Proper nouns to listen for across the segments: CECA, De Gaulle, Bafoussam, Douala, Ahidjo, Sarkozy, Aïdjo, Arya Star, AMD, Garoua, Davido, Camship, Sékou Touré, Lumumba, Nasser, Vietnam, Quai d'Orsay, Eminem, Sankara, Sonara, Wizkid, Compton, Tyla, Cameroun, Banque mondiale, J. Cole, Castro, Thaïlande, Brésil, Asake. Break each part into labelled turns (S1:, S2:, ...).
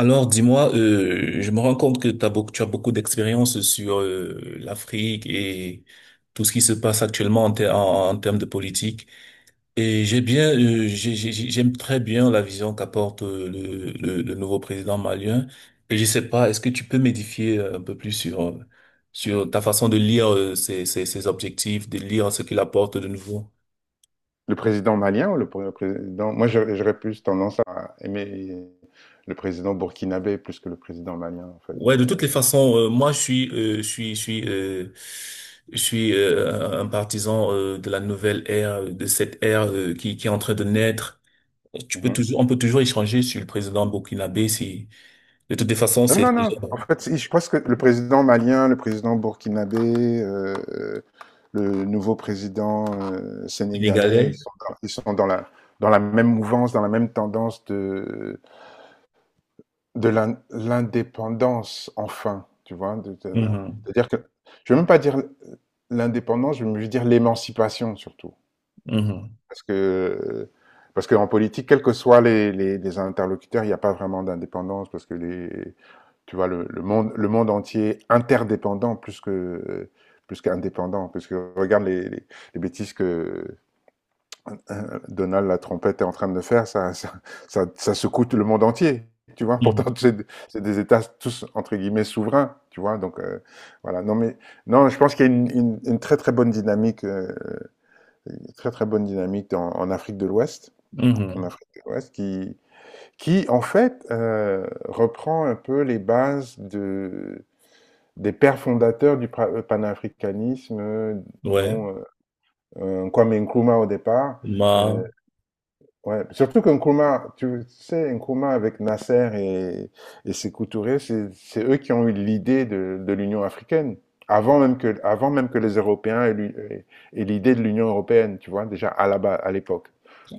S1: Alors, dis-moi, je me rends compte que tu as beaucoup d'expérience sur l'Afrique et tout ce qui se passe actuellement en termes de politique. Et j'ai bien, j'ai- j'aime très bien la vision qu'apporte le nouveau président malien. Et je sais pas, est-ce que tu peux m'édifier un peu plus sur ta façon de lire ses objectifs, de lire ce qu'il apporte de nouveau?
S2: Le président malien ou le président... Moi, j'aurais plus tendance à aimer le président burkinabé plus que le président malien, en fait.
S1: Ouais, de
S2: Mais,
S1: toutes les façons, moi je suis un partisan de la nouvelle ère, de cette ère qui est en train de naître.
S2: mhm.
S1: On peut toujours échanger sur le président burkinabé. Si de toutes les façons,
S2: Non,
S1: c'est
S2: non, non.
S1: déjà
S2: En fait, je pense que le président malien, le président burkinabé, le nouveau président sénégalais, ils
S1: sénégalais.
S2: sont dans, dans la même mouvance, dans la même tendance de, l'indépendance, enfin. Tu vois,
S1: Mhm,
S2: c'est-à-dire que je ne vais même pas dire l'indépendance, je veux dire l'émancipation surtout.
S1: mhm,
S2: Parce que, parce qu'en politique, quels que soient les interlocuteurs, il n'y a pas vraiment d'indépendance parce que tu vois, le monde, le monde entier interdépendant plus que, plus qu'indépendant. Parce que regarde les bêtises que Donald la trompette est en train de faire, ça secoue tout le monde entier. Tu vois, pourtant
S1: mhm,
S2: c'est des États tous entre guillemets souverains. Tu vois, donc voilà. Non mais non, je pense qu'il y a une très très bonne dynamique, une très très bonne dynamique en Afrique de l'Ouest. En Afrique de l'Ouest qui en fait, reprend un peu les bases de des pères fondateurs du pra panafricanisme,
S1: mhm. Ouais.
S2: dont, Kwame Nkrumah au départ.
S1: Ma.
S2: Heu, ouais, surtout que Nkrumah, tu sais, Nkrumah avec Nasser et Sékou Touré, c'est eux qui ont eu l'idée de l'Union africaine. Avant même que les Européens aient l'idée de l'Union européenne, tu vois? Déjà à la ba à l'époque.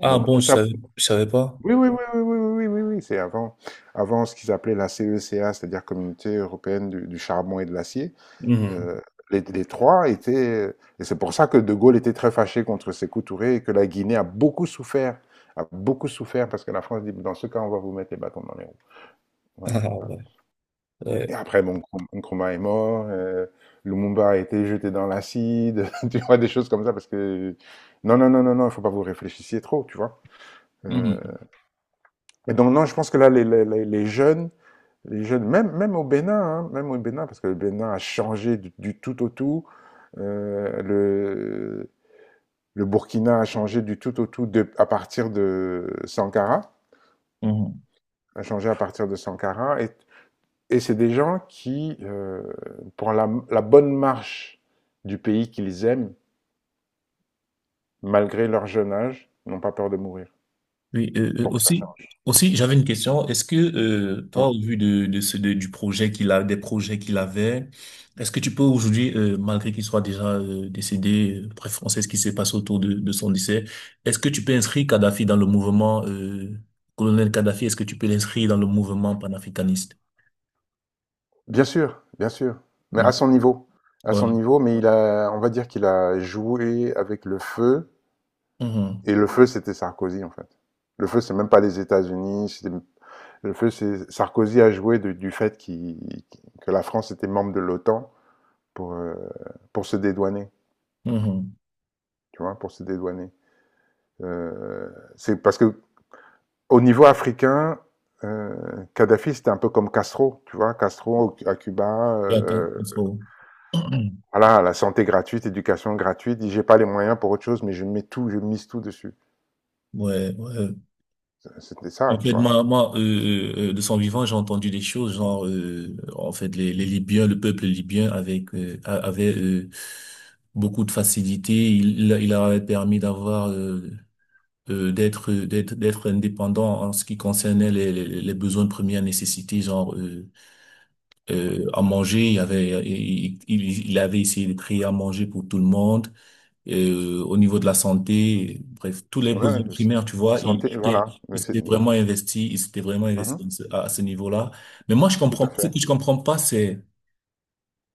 S1: Ah
S2: Donc
S1: bon,
S2: tout ça.
S1: je savais pas.
S2: Oui, oui, oui, oui, oui, oui, oui, oui, oui, c'est avant ce qu'ils appelaient la CECA, c'est-à-dire Communauté européenne du charbon et de l'acier.
S1: Mhm.
S2: Euh, les trois étaient, et c'est pour ça que De Gaulle était très fâché contre Sékou Touré et que la Guinée a beaucoup souffert parce que la France dit, dans ce cas, on va vous mettre les bâtons dans les roues. Voilà.
S1: Ah ouais.
S2: Et
S1: Ouais.
S2: après, bon, Nkrumah est mort, Lumumba a été jeté dans l'acide, tu vois, des choses comme ça parce que, non, non, non, non, non, il faut pas vous réfléchissiez trop, tu vois. Euh,
S1: Mhm,
S2: et donc, non, je pense que là, les jeunes, les jeunes, même, même au Bénin, hein, même au Bénin, parce que le Bénin a changé du tout au tout. euh, le, le Burkina a changé du tout au tout à partir de Sankara,
S1: mhm.
S2: a changé à partir de Sankara. Et c'est des gens qui, pour la bonne marche du pays qu'ils aiment, malgré leur jeune âge, n'ont pas peur de mourir
S1: Oui,
S2: pour que ça change.
S1: aussi, j'avais une question. Est-ce que toi, au
S2: Mm.
S1: vu du projet qu'il a, des projets qu'il avait, est-ce que tu peux aujourd'hui, malgré qu'il soit déjà décédé, bref, on sait ce qui s'est passé autour de son décès, est-ce que tu peux inscrire Kadhafi dans le mouvement colonel Kadhafi, est-ce que tu peux l'inscrire dans le mouvement panafricaniste?
S2: Bien sûr, mais à
S1: Mhm.
S2: son niveau. À son
S1: Ouais.
S2: niveau, mais il a, on va dire qu'il a joué avec le feu.
S1: Mhm.
S2: Et le feu, c'était Sarkozy, en fait. Le feu, c'est même pas les États-Unis. Le feu, c'est Sarkozy a joué du fait que la France était membre de l'OTAN pour, euh, pour se dédouaner,
S1: Mhm.
S2: tu vois, pour se dédouaner. Euh, c'est parce que au niveau africain, Kadhafi, c'était un peu comme Castro, tu vois, Castro à Cuba,
S1: Et après,
S2: voilà, la santé gratuite, éducation gratuite, dit, j'ai pas les moyens pour autre chose, mais je mets tout, je mise tout dessus.
S1: Ouais, ouais.
S2: C'était
S1: En
S2: ça, tu
S1: fait,
S2: vois.
S1: de son vivant, j'ai entendu des choses, genre, en fait, le peuple libyen avec, avait beaucoup de facilité. Il leur avait permis d'avoir, d'être indépendant en ce qui concernait les besoins de première nécessité, genre à manger. Il y avait, il avait essayé de créer à manger pour tout le monde au niveau de la santé, bref, tous les
S2: Ouais,
S1: besoins primaires, tu vois, il,
S2: santé, voilà.
S1: il, il
S2: Mais c'est-
S1: s'était vraiment investi,
S2: Mhm.
S1: à ce niveau-là. Mais moi,
S2: Tout à
S1: ce
S2: fait.
S1: que je comprends pas, c'est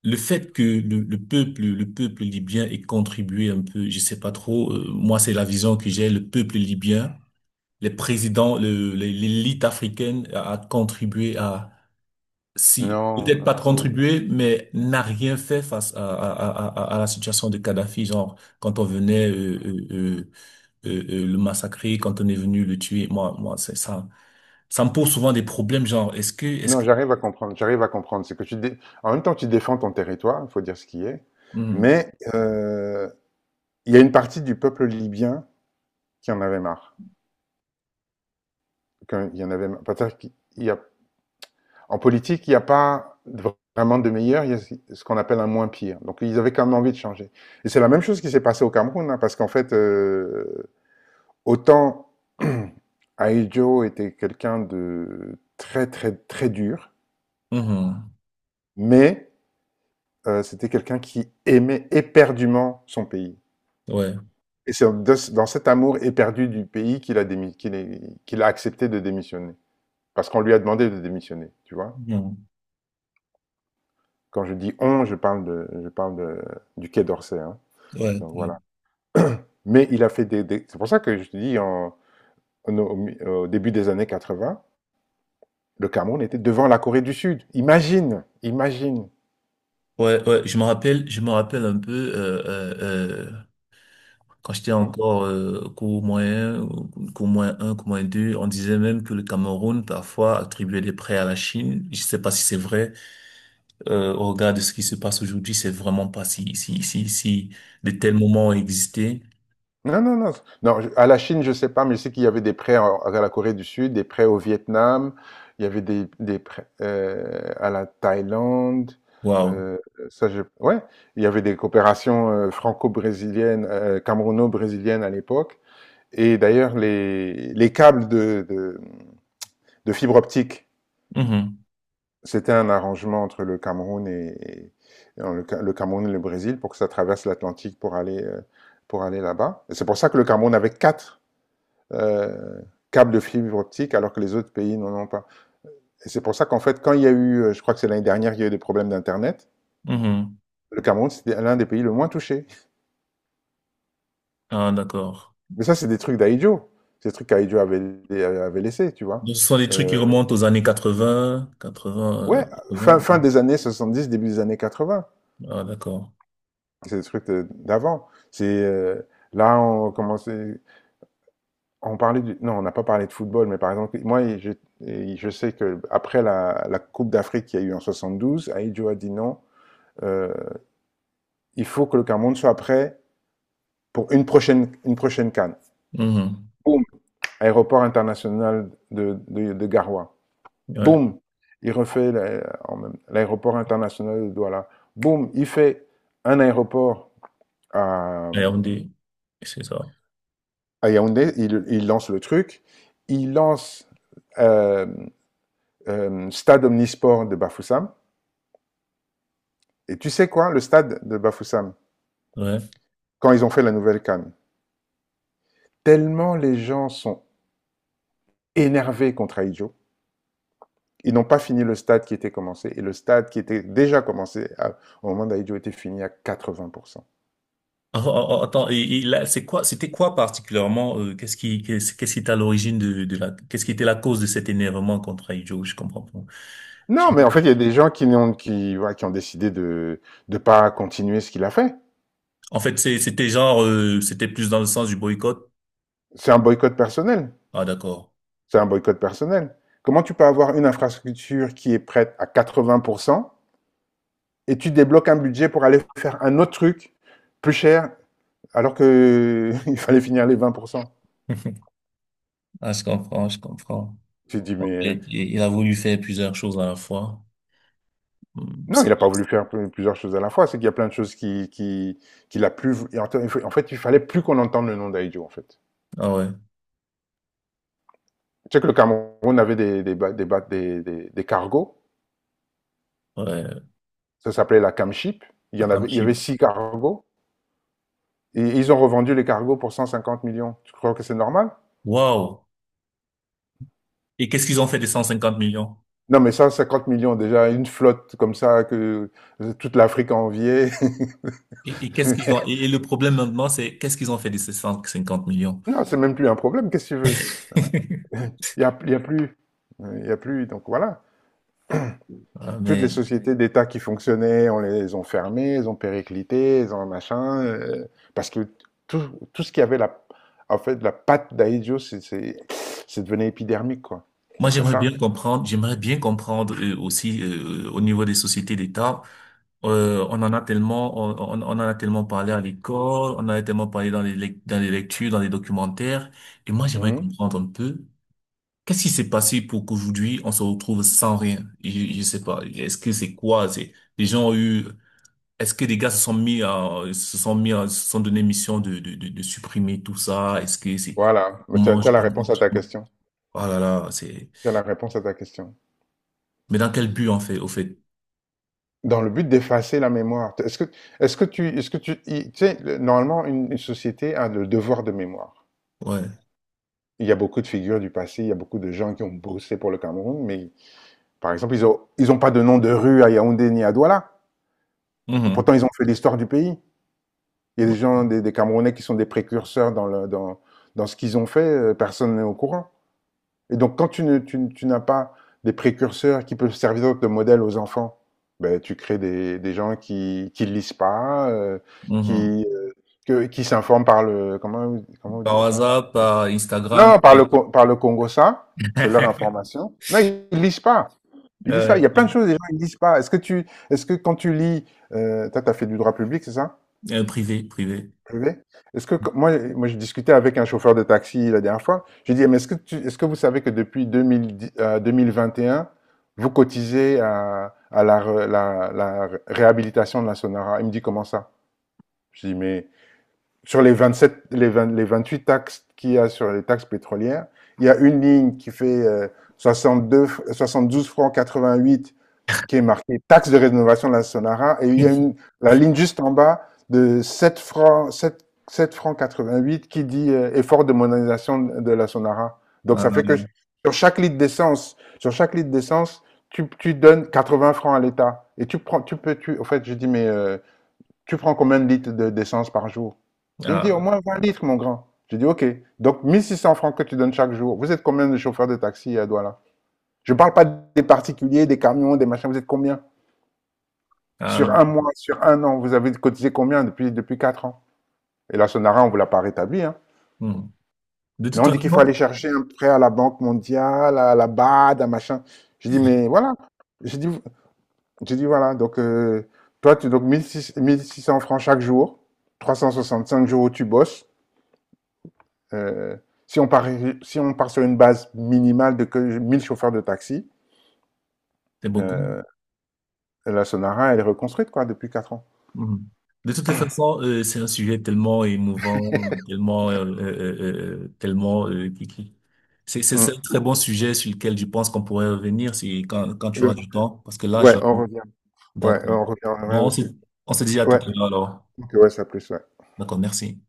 S1: le fait que le peuple libyen ait contribué un peu, je sais pas trop, moi, c'est la vision que j'ai, le peuple libyen, les présidents, l'élite africaine a, si,
S2: Non,
S1: peut-être pas
S2: ou
S1: contribué, mais n'a rien fait face à la situation de Kadhafi, genre, quand on venait le massacrer, quand on est venu le tuer. Moi, c'est ça. Ça me pose souvent des problèmes, genre, est-ce
S2: non,
S1: que.
S2: j'arrive à comprendre, j'arrive à comprendre. C'est que tu dé en même temps, tu défends ton territoire, il faut dire ce qui est,
S1: Mhm.
S2: mais il y a une partie du peuple libyen qui en avait marre, qu'il y en avait marre. Peut-être qu'il y a en politique, il n'y a pas vraiment de meilleur, il y a ce qu'on appelle un moins pire. Donc ils avaient quand même envie de changer et c'est la même chose qui s'est passée au Cameroun, hein, parce qu'en fait, autant Ahidjo était quelqu'un de très, très, très dur,
S1: Mhm.
S2: mais c'était quelqu'un qui aimait éperdument son pays
S1: Ouais.
S2: et c'est de dans cet amour éperdu du pays qu'il a accepté de démissionner. Parce qu'on lui a demandé de démissionner, tu vois?
S1: Mhm.
S2: Quand je dis «on», je parle de du Quai d'Orsay, hein,
S1: Ouais,
S2: donc
S1: ouais,
S2: voilà. Mais il a fait des c'est pour ça que je te dis en en au mi au début des années 80, le Cameroun était devant la Corée du Sud. Imagine! Imagine!
S1: ouais, ouais. Je me rappelle, un peu quand j'étais
S2: Mmh.
S1: encore cours moyen, ou cours moins un, cours moins deux, on disait même que le Cameroun parfois attribuait des prêts à la Chine. Je sais pas si c'est vrai. Au regard de ce qui se passe aujourd'hui, c'est vraiment pas si de tels moments ont existé.
S2: Non, non, non. Non, à la Chine, je sais pas, mais je sais qu'il y avait des prêts à la Corée du Sud, des prêts au Vietnam, il y avait des prêts à la Thaïlande.
S1: Waouh.
S2: euh, ça, je... Ouais, il y avait des coopérations franco-brésiliennes, camerouno-brésiliennes à l'époque. Et d'ailleurs, les câbles de fibre optique, c'était un arrangement entre le Cameroun et- non, le Cameroun et le Brésil pour que ça traverse l'Atlantique pour aller là-bas. Et c'est pour ça que le Cameroun avait quatre euh, câbles de fibre optique alors que les autres pays n'en ont pas. Et c'est pour ça qu'en fait, quand il y a eu, je crois que c'est l'année dernière, il y a eu des problèmes d'Internet,
S1: Mhm. Mhm.
S2: le Cameroun, c'était l'un des pays le moins touchés.
S1: Ah, d'accord.
S2: Mais ça, c'est des trucs d'Aïdjo. C'est des trucs qu'Aïdjo avait, avait laissés, tu vois.
S1: Donc, ce sont des trucs qui
S2: Euh,
S1: remontent aux années quatre-vingt quatre 80, euh,
S2: ouais,
S1: 80.
S2: fin des années 70 début des années 80.
S1: Ah, d'accord.
S2: C'est des trucs d'avant. C'est là on commençait, on parlait non, on n'a pas parlé de football, mais par exemple, moi, je sais que après la Coupe d'Afrique qu'il y a eu en 72 Aïdjo a dit non. Euh, il faut que le Cameroun soit prêt pour une prochaine canne.
S1: Mhm.
S2: Boum, aéroport international de Garoua.
S1: Ouais.
S2: Boum, il refait l'aéroport international de Douala. Boum, il fait un aéroport à,
S1: AMD, c'est ça.
S2: à Yaoundé, lance le truc. Il lance euh, Stade Omnisport de Bafoussam. Et tu sais quoi, le stade de Bafoussam,
S1: Ouais.
S2: quand ils ont fait la nouvelle canne, tellement les gens sont énervés contre Aïdjo, ils n'ont pas fini le stade qui était commencé. Et le stade qui était déjà commencé au moment d'Aidio était fini à 80%.
S1: Ah, ah, ah, attends, et là, c'était quoi particulièrement, qu'est-ce qui était à l'origine qu'est-ce qui était la cause de cet énervement contre Aïdjo? Je comprends pas.
S2: Non, mais en fait, il y a des gens ouais, qui ont décidé de ne pas continuer ce qu'il a fait.
S1: En fait, c'était genre, c'était plus dans le sens du boycott.
S2: C'est un boycott personnel.
S1: Ah, d'accord.
S2: C'est un boycott personnel. Comment tu peux avoir une infrastructure qui est prête à 80% et tu débloques un budget pour aller faire un autre truc plus cher alors que il fallait finir les 20%.
S1: Ah, je comprends.
S2: Tu te dis,
S1: En
S2: mais
S1: fait, il a voulu faire plusieurs choses à la fois. Hmm.
S2: Non, il n'a pas voulu faire plusieurs choses à la fois. C'est qu'il y a plein de choses qu'il a plus. En fait, il fallait plus qu'on entende le nom d'Aïdjo, en fait.
S1: Ah ouais.
S2: Tu sais que le Cameroun avait des, ba- des, ba- des cargos.
S1: Ouais,
S2: Ça s'appelait la Camship. Il y
S1: ça
S2: en
S1: comme
S2: avait, il y
S1: cheap.
S2: avait six cargos. Et ils ont revendu les cargos pour 150 millions. Tu crois que c'est normal?
S1: Wow. Et qu'est-ce qu'ils ont fait des 150 millions?
S2: Non, mais 150 millions, déjà, une flotte comme ça que toute l'Afrique enviait.
S1: Et et le problème maintenant, c'est qu'est-ce qu'ils ont fait de ces 150 millions?
S2: Non, c'est même plus un problème. Qu'est-ce que tu veux? Il y a plus. Il y a plus. Donc voilà.
S1: Ah,
S2: Toutes les
S1: mais
S2: sociétés d'État qui fonctionnaient, on les ont fermées, elles ont périclité, elles ont machin, parce que tout, tout ce qui avait en fait, la patte d'Aïdjo, c'est devenu épidermique, quoi.
S1: moi,
S2: Donc c'est ça.
S1: j'aimerais bien comprendre aussi au niveau des sociétés d'État. On en a tellement, on en a tellement parlé à l'école, on en a tellement parlé dans les lectures, dans les documentaires. Et moi, j'aimerais
S2: Mhm.
S1: comprendre un peu qu'est-ce qui s'est passé pour qu'aujourd'hui, on se retrouve sans rien. Je sais pas. Est-ce que c'est quoi? C'est, les gens ont eu. Est-ce que les gars se sont donné mission de supprimer tout ça? Est-ce que c'est,
S2: Voilà.
S1: on
S2: Mais tu as
S1: mange
S2: la
S1: tout,
S2: réponse à ta question.
S1: Oh là là, c'est,
S2: Tu as la réponse à ta question.
S1: mais dans quel but, en fait, au fait?
S2: Dans le but d'effacer la mémoire, est-ce que tu, il- tu sais, normalement, une société a le devoir de mémoire.
S1: Ouais.
S2: Il y a beaucoup de figures du passé, il y a beaucoup de gens qui ont bossé pour le Cameroun, mais par exemple, ils ont pas de nom de rue à Yaoundé ni à Douala.
S1: Mhm.
S2: Pourtant, ils ont fait l'histoire du pays. Il y a
S1: Ouais.
S2: des gens, des Camerounais qui sont des précurseurs dans ce qu'ils ont fait, personne n'est au courant. Et donc, quand tu, ne- tu- tu n'as pas des précurseurs qui peuvent servir de modèle aux enfants, ben, tu crées des gens qui lisent pas,
S1: Mhm.
S2: qui, euh, qui s'informent par le... Comment, comment on
S1: Par
S2: dit? Attends.
S1: WhatsApp, par Instagram,
S2: Non, par le Congo, ça, c'est leur information. Non, ils lisent pas. Il lisent ça. Il
S1: Euh,
S2: y a plein de choses, les gens, ne lisent pas. Est-ce que quand tu lis, toi, t'as fait du droit public, c'est ça?
S1: privé, privé.
S2: Privé? Est-ce que, quand- moi, moi, j'ai discuté avec un chauffeur de taxi la dernière fois. J'ai dit, mais est-ce que tu, est-ce que vous savez que depuis 2010, 2021, vous cotisez à la réhabilitation de la Sonora? Il me dit, comment ça? Je dis, mais sur les 27, les 20 les 28 taxes qu'il y a sur les taxes pétrolières, il y a une ligne qui fait 62, 72 francs 88 qui est marqué taxe de rénovation de la Sonara. Et il y a la ligne juste en bas de 7 francs, 7, 7 francs 88 qui dit effort de modernisation de la Sonara. Donc
S1: Ah,
S2: ça fait que
S1: ah,
S2: sur chaque litre d'essence, sur chaque litre d'essence, tu donnes 80 francs à l'État. Et tu prends, tu peux, tu, au fait, je dis, mais tu prends combien de litres d'essence par jour? Il me dit,
S1: ah,
S2: au moins 20 litres, mon grand. Je dis, OK. Donc 1600 francs que tu donnes chaque jour. Vous êtes combien de chauffeurs de taxi à Douala? Je ne parle pas des particuliers, des camions, des machins. Vous êtes combien
S1: ah, bah,
S2: sur un mois, sur un an, vous avez cotisé combien depuis 4 ans? Et la Sonara, on ne vous l'a pas rétabli, hein.
S1: hmm. De
S2: Mais
S1: toute
S2: on dit qu'il faut aller
S1: façon,
S2: chercher un prêt à la Banque mondiale, à la BAD, à machin. J'ai dit, mais voilà. J'ai dit, j'ai dit, voilà. Donc, toi, tu, donc, mille six 1600 francs chaque jour, 365 jours où tu bosses. Euh, si on part, si on part sur une base minimale de que 1000 chauffeurs de taxi,
S1: c'est beaucoup.
S2: euh, la Sonara, elle est reconstruite, quoi, depuis 4 ans.
S1: Mhm. De toutes les façons, c'est un sujet tellement émouvant, c'est
S2: Mm.
S1: un très bon sujet sur lequel je pense qu'on pourrait revenir si quand tu auras du temps, parce que là,
S2: Ouais,
S1: je
S2: on revient. Ouais,
S1: d'accord.
S2: on revient
S1: Bon,
S2: dessus.
S1: on se dit à tout à
S2: Ouais.
S1: l'heure alors.
S2: Ok, ouais, ça plus, ouais.
S1: D'accord, merci.